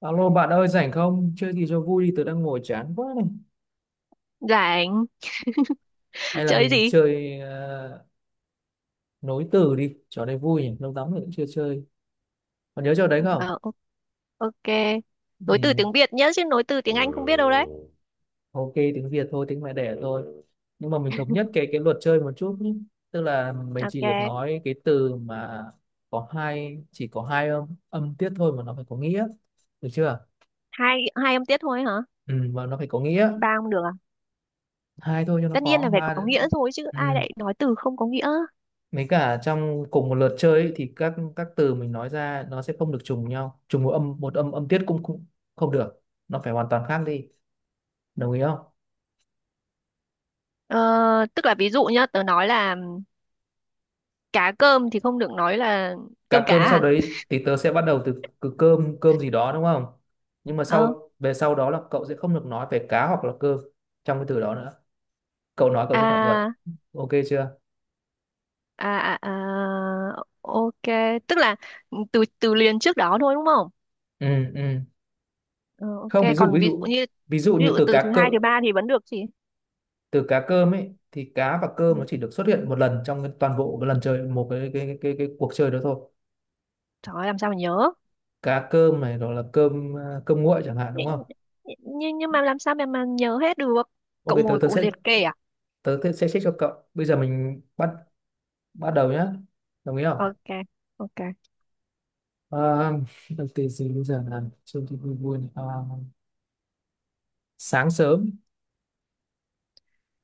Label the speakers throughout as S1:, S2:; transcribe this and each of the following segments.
S1: Alo bạn ơi, rảnh không? Chơi gì cho vui đi, tớ đang ngồi chán quá này.
S2: Rảnh.
S1: Hay là
S2: Chơi
S1: mình
S2: gì?
S1: chơi nối từ đi, trò này vui nhỉ, lâu lắm rồi cũng chưa chơi. Còn nhớ trò đấy không?
S2: Ờ, o- OK. Nối từ
S1: Ừ.
S2: tiếng Việt nhé, chứ nối từ tiếng Anh không biết đâu đấy.
S1: Ok, tiếng Việt thôi, tiếng mẹ đẻ thôi. Nhưng mà mình thống nhất cái luật chơi một chút nhé. Tức là mình chỉ được
S2: OK.
S1: nói cái từ mà có hai chỉ có hai âm âm tiết thôi mà nó phải có nghĩa. Được chưa?
S2: Hai hai âm tiết thôi hả?
S1: Ừ, mà nó phải có nghĩa.
S2: Ba không được à?
S1: Hai thôi cho nó
S2: Tất nhiên là
S1: khó,
S2: phải
S1: ba.
S2: có nghĩa rồi chứ ai
S1: Ừ.
S2: lại nói từ không có nghĩa.
S1: Mấy cả trong cùng một lượt chơi ấy, thì các từ mình nói ra nó sẽ không được trùng nhau, trùng một âm âm tiết cũng cũng không được, nó phải hoàn toàn khác đi, đồng ý không?
S2: Ờ, tức là ví dụ nhá, tớ nói là cá cơm thì không được nói là cơm
S1: Cá
S2: cá
S1: cơm, sau
S2: à?
S1: đấy thì tớ sẽ bắt đầu từ, từ cơm cơm gì đó đúng không? Nhưng mà
S2: Ờ.
S1: về sau đó là cậu sẽ không được nói về cá hoặc là cơm trong cái từ đó nữa, cậu nói cậu sẽ phạm luật,
S2: À,
S1: ok chưa?
S2: à, à, à, OK. Tức là từ từ liền trước đó thôi đúng không?
S1: Ừ. ừ
S2: Ờ,
S1: không,
S2: OK.
S1: ví dụ,
S2: Còn
S1: ví
S2: ví dụ
S1: dụ
S2: như
S1: ví dụ
S2: ví
S1: như
S2: dụ
S1: từ
S2: từ thứ
S1: cá cơm,
S2: hai, thứ ba thì vẫn được chị.
S1: từ cá cơm ấy thì cá và
S2: Ừ.
S1: cơm nó chỉ được xuất hiện một lần trong cái toàn bộ cái lần chơi một cái cuộc chơi đó thôi.
S2: Trời ơi, làm sao mà nhớ.
S1: Cá cơm này rồi là cơm à, cơm nguội chẳng hạn đúng
S2: nhưng
S1: không?
S2: nhưng mà làm sao mà nhớ hết được.
S1: Ok,
S2: Cậu ngồi cậu liệt kê à?
S1: tớ tớ sẽ check cho cậu, bây giờ mình bắt bắt đầu nhá, đồng ý không?
S2: OK, OK.
S1: à, đầu tiên gì bây giờ là trông thì vui vui này. Sáng sớm,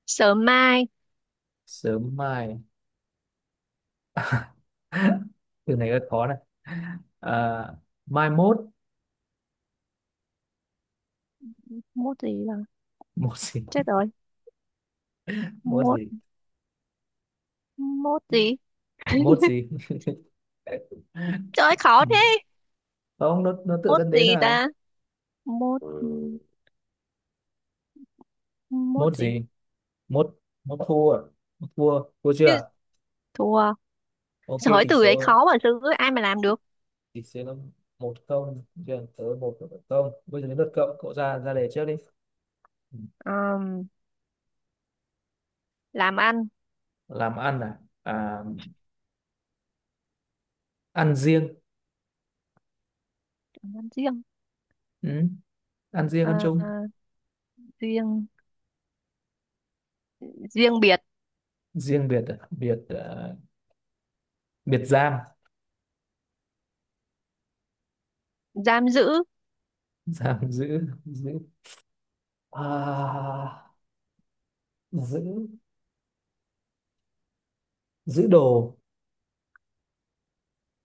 S2: Sớm mai
S1: sớm mai, từ này rất khó này. à, mai mốt,
S2: mốt gì là
S1: mốt gì?
S2: chết rồi.
S1: Mốt
S2: mốt
S1: gì?
S2: mốt gì?
S1: Mốt gì?
S2: Trời ơi, khó thế.
S1: Không, nó tự
S2: Mốt
S1: dẫn
S2: gì
S1: đến
S2: ta?
S1: là
S2: Mốt mốt
S1: mốt
S2: gì?
S1: gì, mốt, mốt thua, mốt thua, thua
S2: Cái
S1: chưa?
S2: thua.
S1: Ok,
S2: Giỏi,
S1: tỷ
S2: từ đấy
S1: số
S2: khó mà sư ai mà làm được.
S1: thì sẽ là một không, chuyển tới một không, bây giờ đến lượt cậu cậu ra ra đề trước đi.
S2: Ờm, làm ăn.
S1: Làm ăn ăn riêng.
S2: Làm ăn riêng.
S1: Ừ. Ăn riêng ăn
S2: Ờ, ờ,
S1: chung,
S2: Riêng, riêng biệt.
S1: riêng biệt à? Biệt à, biệt giam.
S2: Giam giữ
S1: Giam giữ, giữ à, giữ, giữ đồ,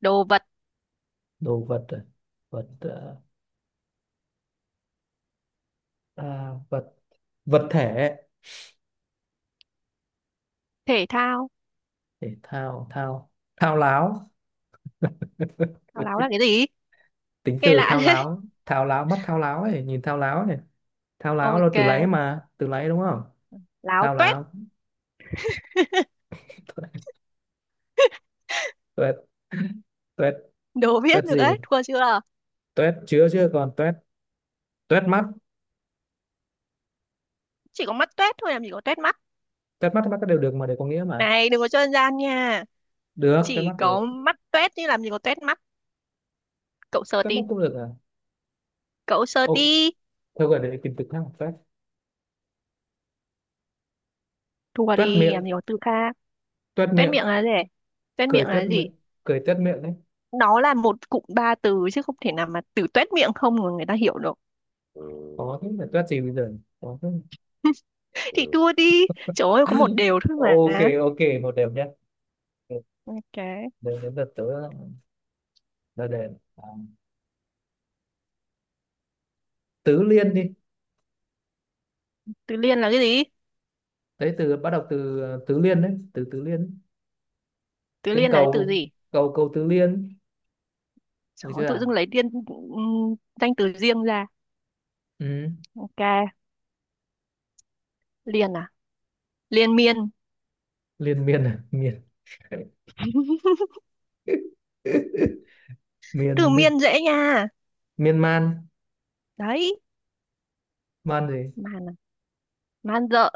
S2: đồ vật
S1: đồ vật à? Vật à, à, vật, vật thể,
S2: thể thao.
S1: thể thao, thao, thao láo.
S2: Thao láo là cái gì?
S1: Tính
S2: Nghe
S1: từ
S2: lạ
S1: thao
S2: thế.
S1: láo, thao láo mắt, thao láo ấy, nhìn thao láo này, thao láo là
S2: OK,
S1: từ láy mà, từ láy đúng không?
S2: láo
S1: Thao
S2: toét.
S1: láo, tuét, tuét,
S2: Đố biết
S1: tuét
S2: được
S1: gì nhỉ?
S2: đấy, thua chưa?
S1: Tuét chứa, chứ còn tuét, tuét mắt,
S2: Chỉ có mắt tuét thôi, làm gì có tuét mắt.
S1: tuét mắt, mắt đều được mà, đều có nghĩa mà,
S2: Này, đừng có chơi gian nha.
S1: được tuét
S2: Chỉ
S1: mắt
S2: có
S1: được,
S2: mắt tuét chứ làm gì có tuét mắt. Cậu sờ
S1: tuét mắt
S2: đi.
S1: cũng được à?
S2: Cậu sờ
S1: Ô,
S2: đi.
S1: thôi gọi để tìm từ khác mà, tuét,
S2: Thua
S1: tuét
S2: đi,
S1: miệng,
S2: làm gì có từ khác.
S1: tuét
S2: Tuét
S1: miệng,
S2: miệng là gì? Tuét
S1: cười
S2: miệng
S1: tuét
S2: là
S1: miệng,
S2: gì?
S1: cười tuét miệng đấy.
S2: Nó là một cụm ba từ chứ không thể nào mà từ tuét miệng không mà người ta hiểu được.
S1: Ừ, có thế là tuét gì bây giờ nhỉ? Có thế.
S2: Thì
S1: Ừ.
S2: thua đi. Trời ơi, có một đều thôi
S1: Ok,
S2: mà.
S1: ok, một đều nhé.
S2: OK.
S1: Đến đến lượt tớ ra đề. à, tứ liên đi.
S2: Từ liên là cái gì?
S1: Đấy, từ bắt đầu từ tứ liên đấy, từ tứ liên,
S2: Từ
S1: tên
S2: liên là cái từ
S1: cầu,
S2: gì?
S1: cầu, cầu tứ liên, được
S2: Trời ơi,
S1: chưa
S2: tự dưng
S1: ạ?
S2: lấy liên danh từ riêng ra.
S1: Ừ.
S2: OK, liên à? Liên miên.
S1: Liên miên à, miên.
S2: Từ
S1: Miên,
S2: miên dễ nha.
S1: miên man,
S2: Đấy,
S1: man gì,
S2: man à, man rợ.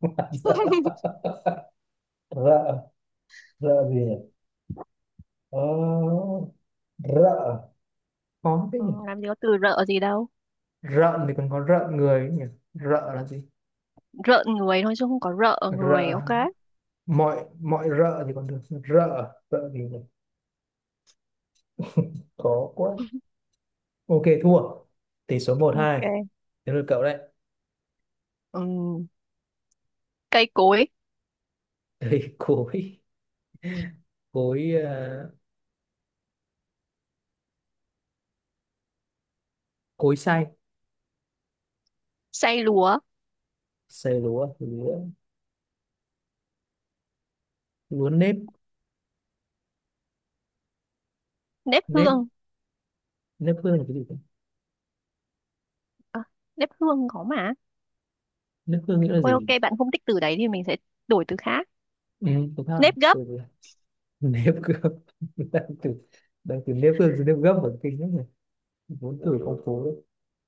S1: man rợ, rợ, rợ gì nhỉ? ờ, rợ, khó thế
S2: Ừ,
S1: nhỉ,
S2: làm gì có từ rợ gì đâu.
S1: rợn thì còn có rợn người ấy nhỉ, rợ là gì,
S2: Rợn người thôi chứ không có rợ người.
S1: rợ,
S2: OK,
S1: mọi, mọi rợ thì còn được, rợ, rợ gì nhỉ, khó quá, ok thua, tỷ số một hai,
S2: OK.
S1: đến lượt cậu đấy.
S2: Ừm, Cây cối
S1: Đây, cối, cối à, cối xay,
S2: xay lúa
S1: xay lúa, lúa, lúa nếp,
S2: nếp
S1: nếp,
S2: hương.
S1: nếp hương là cái gì cơ?
S2: À, nếp hương có mà.
S1: Nước hương nghĩa là
S2: Thôi OK,
S1: gì?
S2: bạn không thích từ đấy thì mình sẽ đổi từ khác.
S1: Ừ, đúng không
S2: Nếp gấp.
S1: từ, nếp gấp. Đang từ, đang từ nếp hương từ nếp gấp ở kinh lắm này, vốn từ phong phú đấy.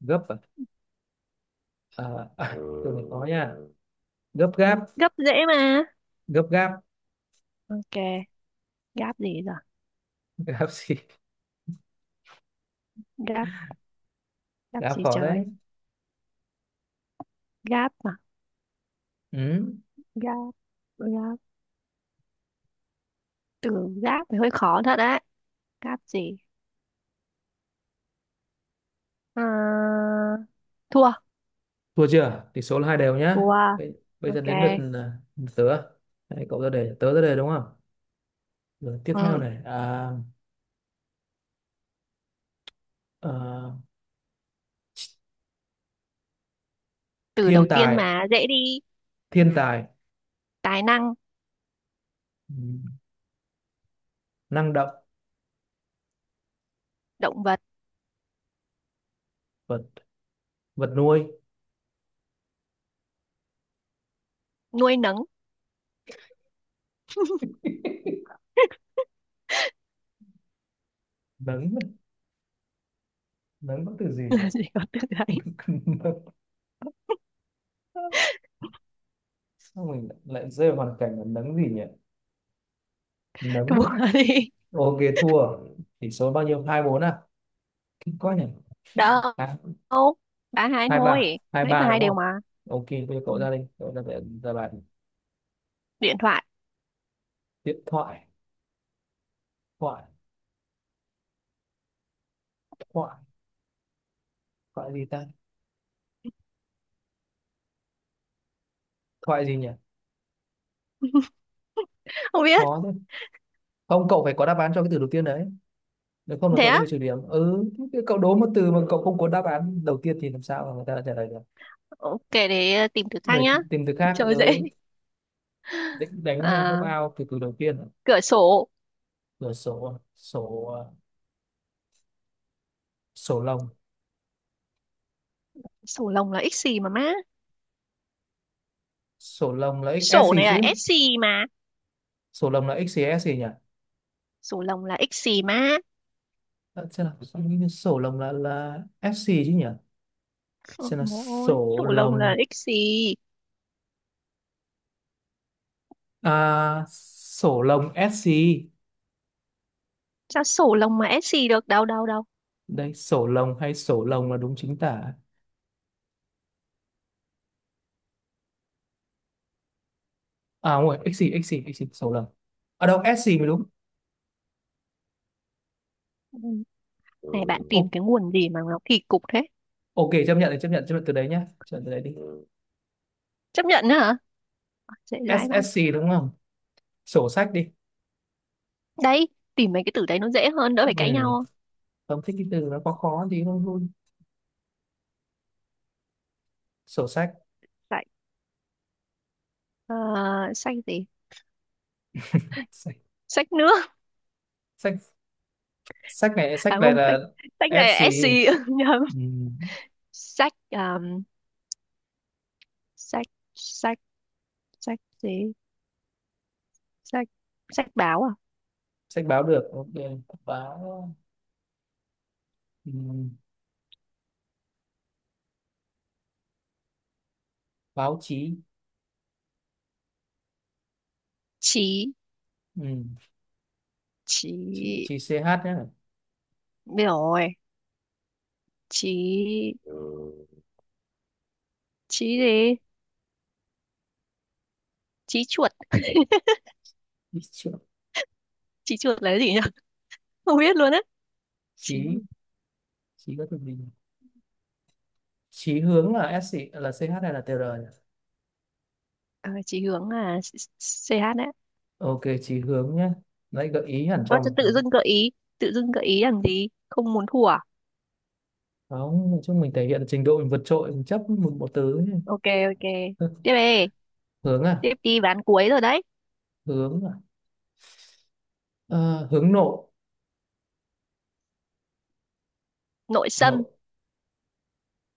S1: Gấp à, à từ này khó nha. Gấp gáp,
S2: Gấp dễ mà.
S1: gấp gáp,
S2: OK, gáp gì giờ?
S1: gáp gì,
S2: Gáp, gáp
S1: gáp
S2: gì
S1: khó đấy.
S2: trời. Gáp mà.
S1: Ừ.
S2: Gáp, gáp, từ gáp thì hơi khó thật đấy. Gáp gì? À, thua.
S1: Thua chưa, tỷ số là hai đều nhá.
S2: Wow,
S1: bây, bây giờ đến lượt
S2: OK.
S1: lượt tớ. Đấy, cậu ra đề tớ ra đề đúng không, rồi tiếp theo
S2: Ừ.
S1: này à,
S2: Từ
S1: thiên
S2: đầu tiên
S1: tài,
S2: mà dễ đi.
S1: thiên tài.
S2: Tài năng,
S1: Ừ, năng động,
S2: động vật,
S1: vật, vật nuôi,
S2: nuôi nấng.
S1: nấng, nấng có từ gì nhỉ?
S2: là gì có từ đấy.
S1: Sao mình lại rơi vào hoàn cảnh là nấng gì nhỉ, nấng,
S2: Thua đi.
S1: ok thua, tỷ số bao nhiêu, hai bốn à, kinh quá nhỉ.
S2: Đâu?
S1: à,
S2: Ba hai
S1: hai ba,
S2: thôi.
S1: hai
S2: Nãy
S1: ba
S2: ba hai
S1: đúng
S2: đều
S1: không?
S2: mà.
S1: Ok, bây giờ
S2: Ừ.
S1: cậu ra đi, cậu ra để ra bàn.
S2: Điện thoại.
S1: Điện thoại, thoại, thoại, thoại gì ta, thoại gì nhỉ,
S2: Không biết.
S1: khó thế, không cậu phải có đáp án cho cái từ đầu tiên đấy, nếu không là
S2: Thế
S1: cậu sẽ
S2: á?
S1: bị trừ điểm, ừ thế cậu đố một từ mà cậu không có đáp án đầu tiên thì làm sao mà người ta trả lời được.
S2: OK, để tìm thử khác
S1: Rồi
S2: nhá.
S1: tìm từ khác,
S2: Trời, dễ.
S1: ừ định đánh knock
S2: À,
S1: out từ từ đầu tiên à?
S2: cửa sổ.
S1: Rồi, sổ à? Sổ à, sổ lồng,
S2: Sổ lồng là x gì mà má?
S1: sổ lồng là XS
S2: Sổ
S1: gì
S2: này là
S1: chứ,
S2: s gì mà.
S1: sổ lồng là X gì S gì nhỉ?
S2: Sổ lồng là x gì má.
S1: Xem nào, sao nghĩ sổ lồng là S gì chứ nhỉ, xem nào
S2: Ôi,
S1: sổ
S2: sổ lồng là
S1: lồng.
S2: x gì?
S1: Sổ lồng S gì.
S2: Sao sổ lồng mà s gì được? Đâu, đâu, đâu.
S1: Đây, sổ lồng hay sổ lồng là đúng chính tả, à không rồi X gì X gì X gì sổ lồng ở đâu S gì mới đúng. Ừ,
S2: Này bạn tìm
S1: O-
S2: cái nguồn gì mà nó kỳ cục thế?
S1: ok chấp nhận thì chấp nhận, chấp nhận từ đấy nhá, chấp nhận từ đấy đi. Ừ.
S2: Chấp nhận nữa hả? Dễ dãi vãi.
S1: SSC đúng không, sổ sách đi.
S2: Đấy, tìm mấy cái từ đấy nó dễ hơn, đỡ phải
S1: Ừ.
S2: cãi nhau.
S1: Không thích cái từ nó có khó khó thì không vui. Sổ sách,
S2: Sách, ờ, sách gì?
S1: sách,
S2: Sách nước.
S1: sách. Sách này sách
S2: À
S1: này
S2: không, sách,
S1: là
S2: sách này là
S1: SC.
S2: SC. Nhầm.
S1: Ừ.
S2: Sách, um, sách, sách, Sách gì? Sách, sách báo à?
S1: Sách báo được ok, báo. Ừ. Báo chí.
S2: Chí,
S1: Ừ. Chí,
S2: chí,
S1: chí CH nhé.
S2: biết rồi. Chí,
S1: Ừ.
S2: chí gì? Chí chuột.
S1: Ý chữ-
S2: Chí chuột là cái gì nhỉ? Không biết luôn á. Chí,
S1: chí, chí có từ gì nhỉ? Chí hướng là ét gì, là CH hay là TR nhỉ?
S2: ờ, chí hướng à? CH đấy.
S1: Ok chí hướng nhé, lấy gợi ý hẳn
S2: Ơ,
S1: cho
S2: chứ
S1: một
S2: tự
S1: thứ.
S2: dưng gợi ý, tự dưng gợi ý làm gì? Không muốn thua à?
S1: Không, nói chung mình thể hiện trình độ mình vượt trội, mình chấp một một từ ấy.
S2: OK, OK. Tiếp đi,
S1: Hướng à,
S2: tiếp đi ván cuối rồi đấy.
S1: hướng à, Ờ, hướng nội,
S2: Nội xâm.
S1: nội,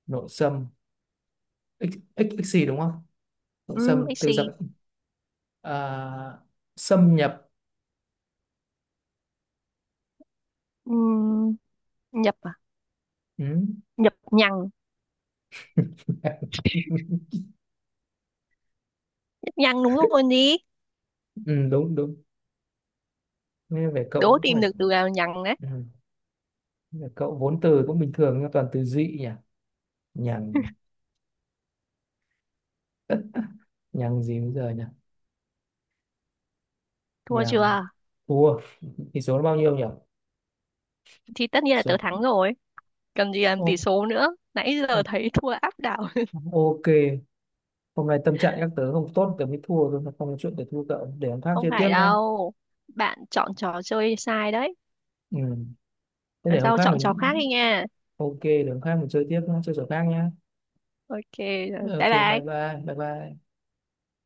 S1: nội xâm, x, x gì đúng không, nội
S2: Ừ,
S1: xâm
S2: ích
S1: từ dập,
S2: xì.
S1: à, xâm nhập.
S2: Ừ, nhập à?
S1: Ừ.
S2: Nhập nhằng. Nhập nhằng đúng rồi đi.
S1: Ừ, đúng, đúng, nghe về cậu
S2: Đố
S1: cũng
S2: tìm
S1: phải.
S2: được từ nào nhằng đấy.
S1: Ừ. Về cậu vốn từ cũng bình thường nhưng toàn từ dị nhỉ, nhằng, nhằng gì bây giờ nhỉ,
S2: Thua
S1: nhằng
S2: chưa?
S1: thua, tỷ số nó bao nhiêu nhỉ.
S2: Thì tất nhiên là
S1: Số-
S2: tớ thắng rồi. Cần gì làm tỷ
S1: ô,
S2: số nữa. Nãy giờ
S1: ô,
S2: thấy thua áp đảo.
S1: ok, hôm nay tâm trạng các tớ không tốt tớ mới thua thôi, không có chuyện để thua cậu, để hôm khác
S2: Không
S1: chơi tiếp
S2: phải
S1: nhá.
S2: đâu. Bạn chọn trò chơi sai đấy.
S1: Ừ. Thế để
S2: Lần
S1: hôm
S2: sau
S1: khác
S2: chọn trò
S1: mình,
S2: khác đi nha.
S1: ok để hôm khác mình chơi tiếp nhá, chơi trò khác nhá,
S2: OK, rồi.
S1: ok
S2: Bye
S1: bye
S2: bye.
S1: bye bye bye.